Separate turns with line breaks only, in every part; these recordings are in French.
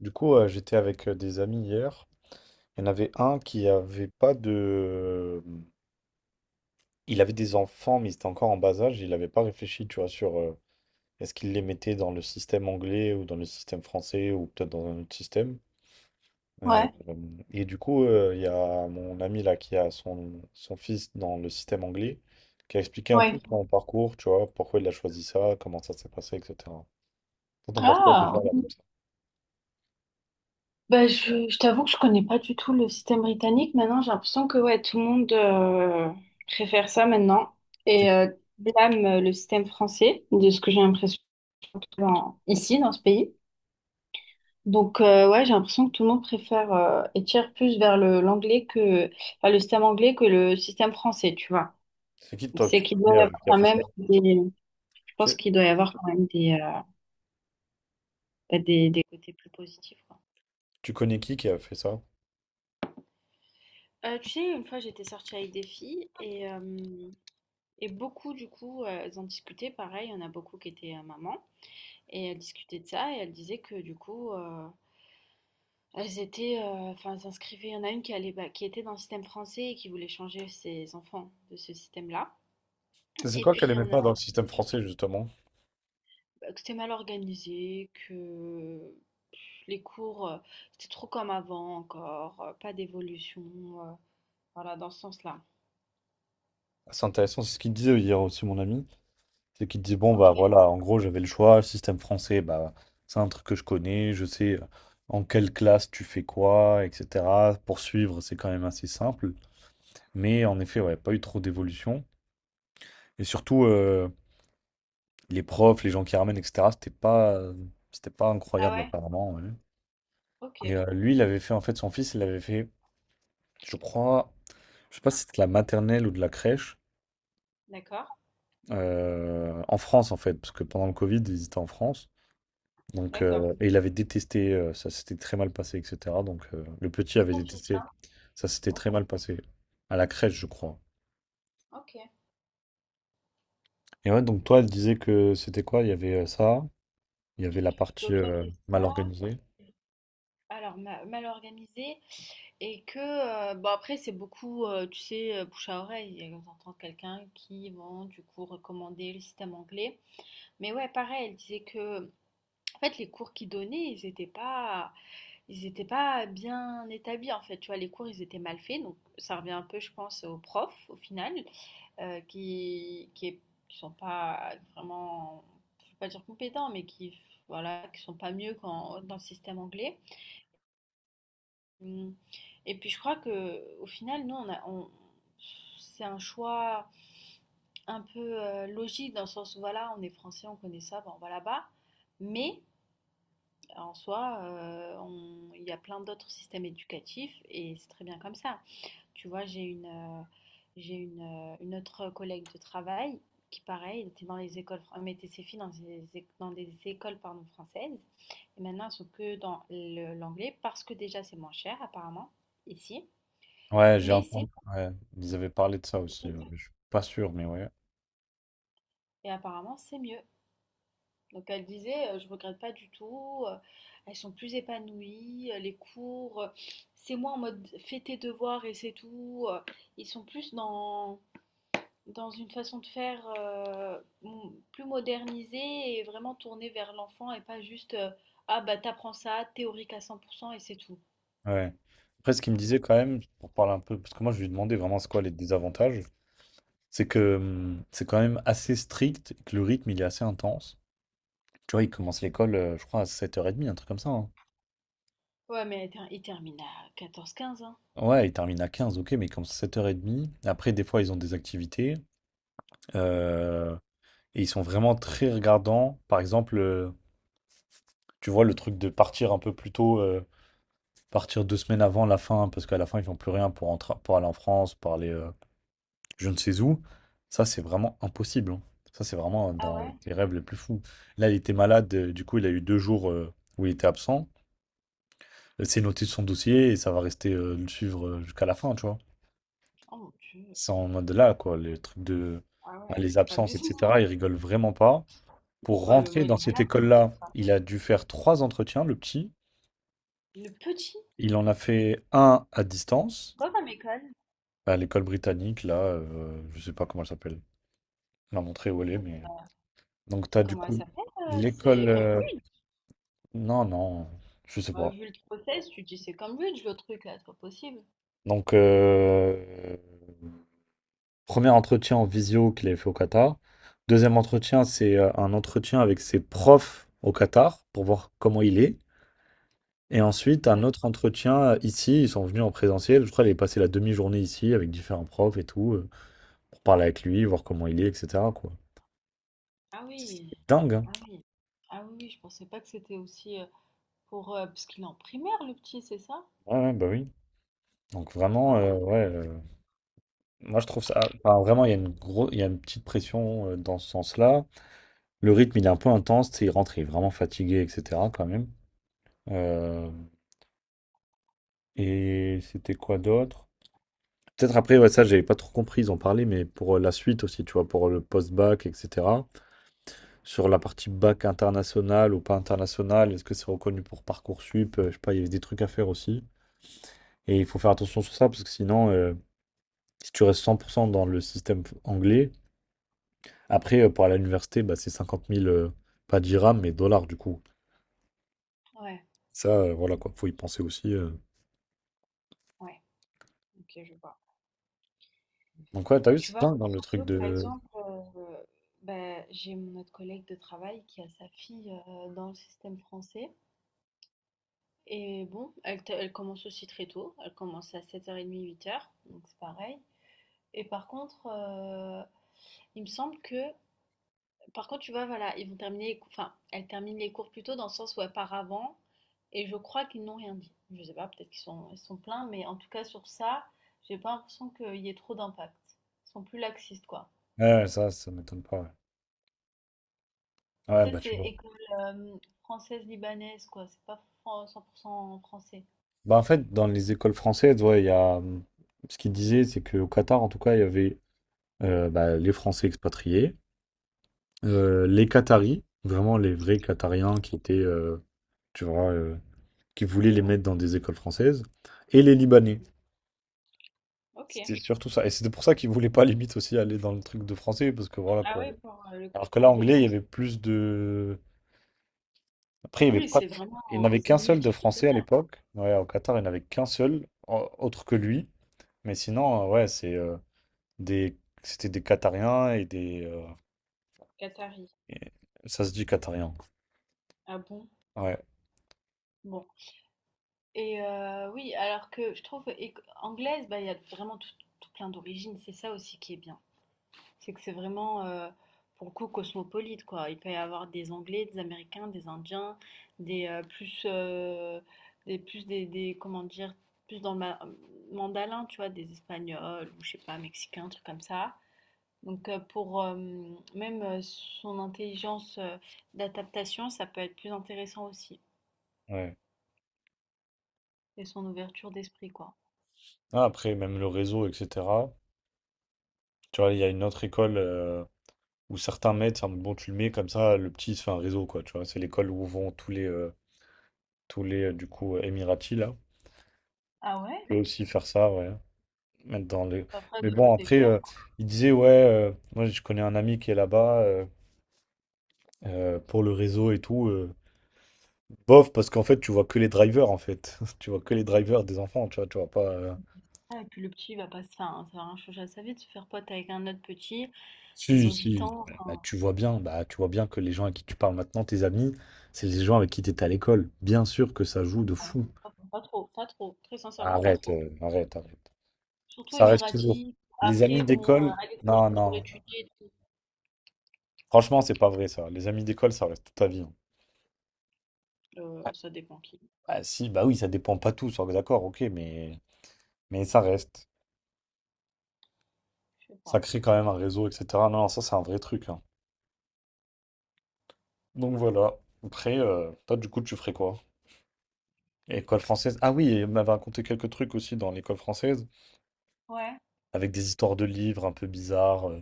Du coup, j'étais avec des amis hier. Il y en avait un qui avait pas de. Mmh, Il avait des enfants, mais ils étaient encore en bas âge. Il n'avait pas réfléchi, tu vois, sur est-ce qu'il les mettait dans le système anglais ou dans le système français ou peut-être dans un autre système. Euh,
Ouais,
et du coup, il y a mon ami là qui a son fils dans le système anglais, qui a expliqué un peu
ouais.
son parcours, tu vois, pourquoi il a choisi ça, comment ça s'est passé, etc. Toi, t'en penses quoi déjà
Ah,
là
oui.
comme ça?
Je t'avoue que je connais pas du tout le système britannique. Maintenant, j'ai l'impression que ouais, tout le monde préfère ça maintenant
C'est
et blâme le système français, de ce que j'ai l'impression surtout ici, dans ce pays. Donc, ouais, j'ai l'impression que tout le monde préfère et tire plus vers le l'anglais que enfin, le système anglais que le système français, tu vois.
c'est qui
Donc,
toi que
c'est
tu
qu'il doit
connais
y avoir
qui a
quand
fait
même
ça?
des, je pense
Que-
qu'il doit y avoir quand même des, bah, des côtés plus positifs, quoi.
Tu connais qui a fait ça?
Tu sais, une fois j'étais sortie avec des filles et et beaucoup du coup elles en discutaient, pareil, il y en a beaucoup qui étaient mamans et elles discutaient de ça et elles disaient que du coup elles étaient, euh, enfin elles s'inscrivaient, il y en a une qui allait, bah, qui était dans le système français et qui voulait changer ses enfants de ce système-là,
Mais c'est
et
quoi
puis
qu'elle
il y
aimait
en a
pas dans le système français, justement?
bah, que c'était mal organisé, que les cours c'était trop comme avant encore, pas d'évolution, euh, voilà dans ce sens-là.
C'est intéressant, c'est ce qu'il disait hier aussi, mon ami. C'est qu'il disait, bon, bah
Ok.
voilà, en gros, j'avais le choix, le système français, bah, c'est un truc que je connais, je sais, en quelle classe tu fais quoi, etc. Poursuivre, c'est quand même assez simple. Mais en effet, ouais, pas eu trop d'évolution. Et surtout, les profs, les gens qui ramènent, etc., c'était pas
Ah
incroyable,
ouais?
apparemment. Ouais.
Ok,
Et lui, il avait fait, en fait, son fils, il avait fait, je crois, je sais pas si c'était de la maternelle ou de la crèche.
d'accord,
En France, en fait, parce que pendant le Covid, ils étaient en France. Donc
d'accord.
heu et il avait détesté, ça s'était très mal passé et cetera. Le petit avait
Son fils,
détesté,
hein?
ça s'était très
OK,
mal passé. À la crèche, je crois.
OK.
Et ouais, donc toi, elle disait que c'était quoi? Il y avait, ça, il y avait la partie,
Donc il y avait
mal
ça,
organisée.
alors mal organisé, et que, bon après c'est beaucoup, tu sais, bouche à oreille, et on entend quelqu'un qui vont du coup recommander le système anglais. Mais ouais, pareil, elle disait que, en fait, les cours qu'ils donnaient, ils étaient pas bien établis, en fait, tu vois, les cours, ils étaient mal faits, donc ça revient un peu, je pense, aux profs, au final. euh, qui, qui, est- qui sont pas vraiment, je vais pas dire compétents, mais qui, voilà, qui sont pas mieux dans le système anglais. Hum, Et puis je crois que au final, nous, c'est un choix un peu logique dans le sens où voilà, on est français, on connaît ça, bon, on va là-bas. Mais en soi, il y a plein d'autres systèmes éducatifs et c'est très bien comme ça. Tu vois, j'ai une autre collègue de travail qui, pareil, était dans les écoles, mettait ses filles dans des, dans des écoles pardon, françaises. Et maintenant, elles sont que dans l'anglais parce que déjà, c'est moins cher, apparemment, ici.
Ouais, j'ai
Mais
entendu, ouais. Ils avaient parlé de ça aussi,
c'est mieux.
mais je suis pas sûr, mais ouais.
Et apparemment, c'est mieux. Donc, elle disait, je regrette pas du tout. Elles sont plus épanouies. Les cours, c'est moins en mode fais tes devoirs et c'est tout. Ils sont plus dans dans une façon de faire plus modernisée et vraiment tournée vers l'enfant et pas juste ah bah t'apprends ça, théorique à 100% et c'est tout.
Ouais. Après, ce qu'il me disait quand même, pour parler un peu, parce que moi je lui ai demandé vraiment c'est quoi les désavantages, c'est que c'est quand même assez strict, et que le rythme il est assez intense. Tu vois, il commence l'école, je crois, à 7h30, un truc comme ça, hein.
Ouais, mais il termine à quatorze quinze hein.
Ouais, il termine à 15 ok, mais il commence à 7h30. Après, des fois, ils ont des activités. euh, et ils sont vraiment très regardants. Par exemple, tu vois, le truc de partir un peu plus tôt, partir 2 semaines avant la fin, parce qu'à la fin, ils font plus rien pour, entrer pour aller en France, pour aller. Je ne sais où, ça c'est vraiment impossible, hein. Ça c'est vraiment
Ah
dans
ouais?
les rêves les plus fous. Là, il était malade, du coup, il a eu 2 jours, où il était absent. C'est noté sur son dossier et ça va rester, le suivre, jusqu'à la fin, tu vois.
Oh mon Dieu.
C'est en mode là, quoi, les trucs de
Ah
bah,
ouais,
les
c'est pas
absences,
abusé.
etc. Il rigole vraiment pas. Pour
Ouais, mais bon,
rentrer
il
dans
est
cette
malade ce petit,
école-là,
quoi.
il a dû faire trois entretiens, le petit.
Le petit,
Il en a fait un à
c'est
distance,
quoi comme école?
à l'école britannique, là, je sais pas comment elle s'appelle. Elle a montré où elle est, mais. Donc, tu
C'est
as du
comment elle
coup
s'appelle?
l'école.
C'est Cambridge.
Non, non, je sais
Ouais,
pas.
vu le process, tu te dis c'est Cambridge le truc là, c'est pas possible.
Donc, premier entretien en visio qu'il avait fait au Qatar. Deuxième entretien, c'est un entretien avec ses profs au Qatar pour voir comment il est. Et ensuite, un autre
D'accord.
entretien, ici. Ils sont venus en présentiel. Je crois qu'il est passé la demi-journée ici avec différents profs et tout, pour parler avec lui, voir comment il est, etc., quoi.
Ah
C'est
oui.
dingue, hein.
Ah oui, ah oui, oui, je pensais pas que c'était aussi. Pour, parce qu'il est en primaire le petit, c'est ça?
Ouais, ouais, bah oui. Donc vraiment,
Ah ouais,
ouais, moi je trouve ça. Enfin, vraiment, il y a une gros, il y a une petite pression, dans ce sens-là. Le rythme, il est un peu intense, tu sais, il rentre, il est vraiment fatigué, etc. quand même. Euh, et c'était quoi d'autre? Peut-être après, ouais, ça, j'avais pas trop compris, ils ont parlé, mais pour la suite aussi, tu vois, pour le post-bac, etc. Sur la partie bac international ou pas international, est-ce que c'est reconnu pour Parcoursup? Je sais pas, il y avait des trucs à faire aussi. Et il faut faire attention sur ça, parce que sinon, si tu restes 100% dans le système anglais, après, pour aller à l'université, bah, c'est 50 000, pas dirhams, mais dollars, du coup.
ouais,
Ça, voilà, quoi, faut y penser aussi.
ouais, OK, je vois.
Donc ouais, t'as vu,
Tu
c'est
vois,
dingue dans le truc
contrario, par
de...
exemple, bah, j'ai mon autre collègue de travail qui a sa fille, dans le système français et bon, elle commence aussi très tôt, elle commence à sept heures trente, huit heures donc c'est pareil et par contre, il me semble que par contre, tu vois, voilà, ils vont terminer les cours, enfin, elles terminent les cours plus tôt dans le sens où elles partent avant, et je crois qu'ils n'ont rien dit. Je sais pas, peut-être qu'ils sont, ils sont pleins, mais en tout cas sur ça, j'ai pas l'impression qu'il y ait trop d'impact. Ils sont plus laxistes, quoi.
Ouais, ouais, ça m'étonne pas. Ouais. Ouais,
Après,
bah tu
c'est
vois.
école euh, française-libanaise, quoi. C'est pas 100% français.
Bah en fait, dans les écoles françaises, ouais, il y a... Ce qu'ils disaient, c'est qu'au Qatar, en tout cas, il y avait bah, les Français expatriés, les Qataris, vraiment les vrais Qatariens qui étaient, tu vois, qui
Et
voulaient
ouais.
les mettre dans des écoles françaises, et les Libanais.
Mhm. Ok.
C'était surtout ça. Et c'était pour ça qu'ils voulaient pas, limite, aussi aller dans le truc de français, parce que voilà,
Ah
quoi.
ouais, pour le
Alors que
côté
là, anglais,
libanais.
il y avait plus de... Après, il n'y avait
Oui,
pas de-
c'est vraiment,
il n'avait
c'est
qu'un
le
seul de français à
multinational.
l'époque. Ouais, au Qatar, il n'avait qu'un seul, autre que lui. Mais sinon, ouais, c'est des... c'était des Qatariens et
Qatari.
et- Ça se dit Qatarien.
Ah bon?
Ouais,
Bon. Et oui, alors que je trouve éc anglaise, bah, il y a vraiment tout tout plein d'origines. C'est ça aussi qui est bien. C'est que c'est vraiment, pour le coup, cosmopolite, quoi. Il peut y avoir des Anglais, des Américains, des Indiens, des, plus, des plus des comment dire? Plus dans le ma mandalin, tu vois? Des Espagnols ou je sais pas, Mexicains, trucs comme ça. Donc pour, même, son intelligence, d'adaptation, ça peut être plus intéressant aussi
ouais.
et son ouverture d'esprit, quoi.
Ah, après, même le réseau, etc. Tu vois, il y a une autre école, où certains mettent, c'est en mode, bon, tu le mets comme ça, le petit, il se fait un réseau, quoi. Tu vois, c'est l'école où vont tous les, Émiratis, là.
Ah
Tu
ouais?
peux aussi faire ça, ouais. Mettre dans le...
Après,
Mais
de
bon,
coûter
après,
cher, quoi.
il disait, ouais, moi je connais un ami qui est là-bas, pour le réseau et tout. Bof, parce qu'en fait, tu vois que les drivers, en fait. Tu vois que les drivers des enfants, tu vois pas.
Ah, et puis le petit, il va pas se faire, hein, ça va rien changer à sa vie de se faire pote avec un autre petit. Ils
Si,
ont huit
si.
ans,
Bah,
enfin,
tu vois bien, bah, tu vois bien que les gens à qui tu parles maintenant, tes amis, c'est les gens avec qui tu étais à l'école. Bien sûr que ça joue de
non,
fou.
pas, pas trop, pas trop, très sincèrement, pas
Arrête,
trop.
arrête, arrête.
Surtout
Ça reste toujours.
émiratis,
Les
après,
amis
ils vont
d'école,
à l'étranger
non,
pour
non.
étudier et tout.
Franchement, c'est pas vrai ça. Les amis d'école, ça reste toute ta vie, hein.
Ça dépend qui,
Ah si, bah oui, ça dépend pas tous, hein, d'accord, ok, mais ça reste.
je sais
Ça
pas.
crée quand même un réseau, etc. Non, non, ça c'est un vrai truc, hein. Donc voilà. Après, toi du coup, tu ferais quoi? École française. Ah oui, et on m'avait raconté quelques trucs aussi dans l'école française,
Ouais.
avec des histoires de livres un peu bizarres.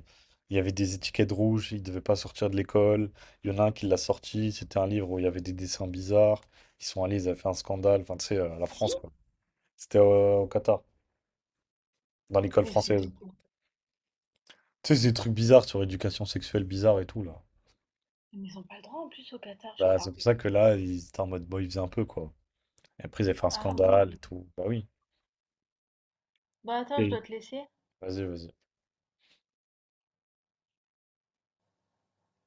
Il y avait des étiquettes rouges, il devait pas sortir de l'école. Il y en a un qui l'a sorti, c'était un livre où il y avait des dessins bizarres. Ils sont allés, ils avaient fait un scandale. Enfin, tu sais, la
Si?
France, quoi. C'était au Qatar, dans l'école
Et
française.
c'était quoi?
Tu sais, c'est des trucs bizarres sur l'éducation sexuelle bizarre et tout, là.
Mais ils ont pas le droit en plus au Qatar, je
Bah, c'est
crois.
pour ça que là, ils étaient en mode, bon, ils faisaient un peu, quoi. Et après, ils avaient fait un
Ah oui.
scandale et tout. Bah oui.
Bah attends, je
Et
dois te laisser.
vas-y, vas-y.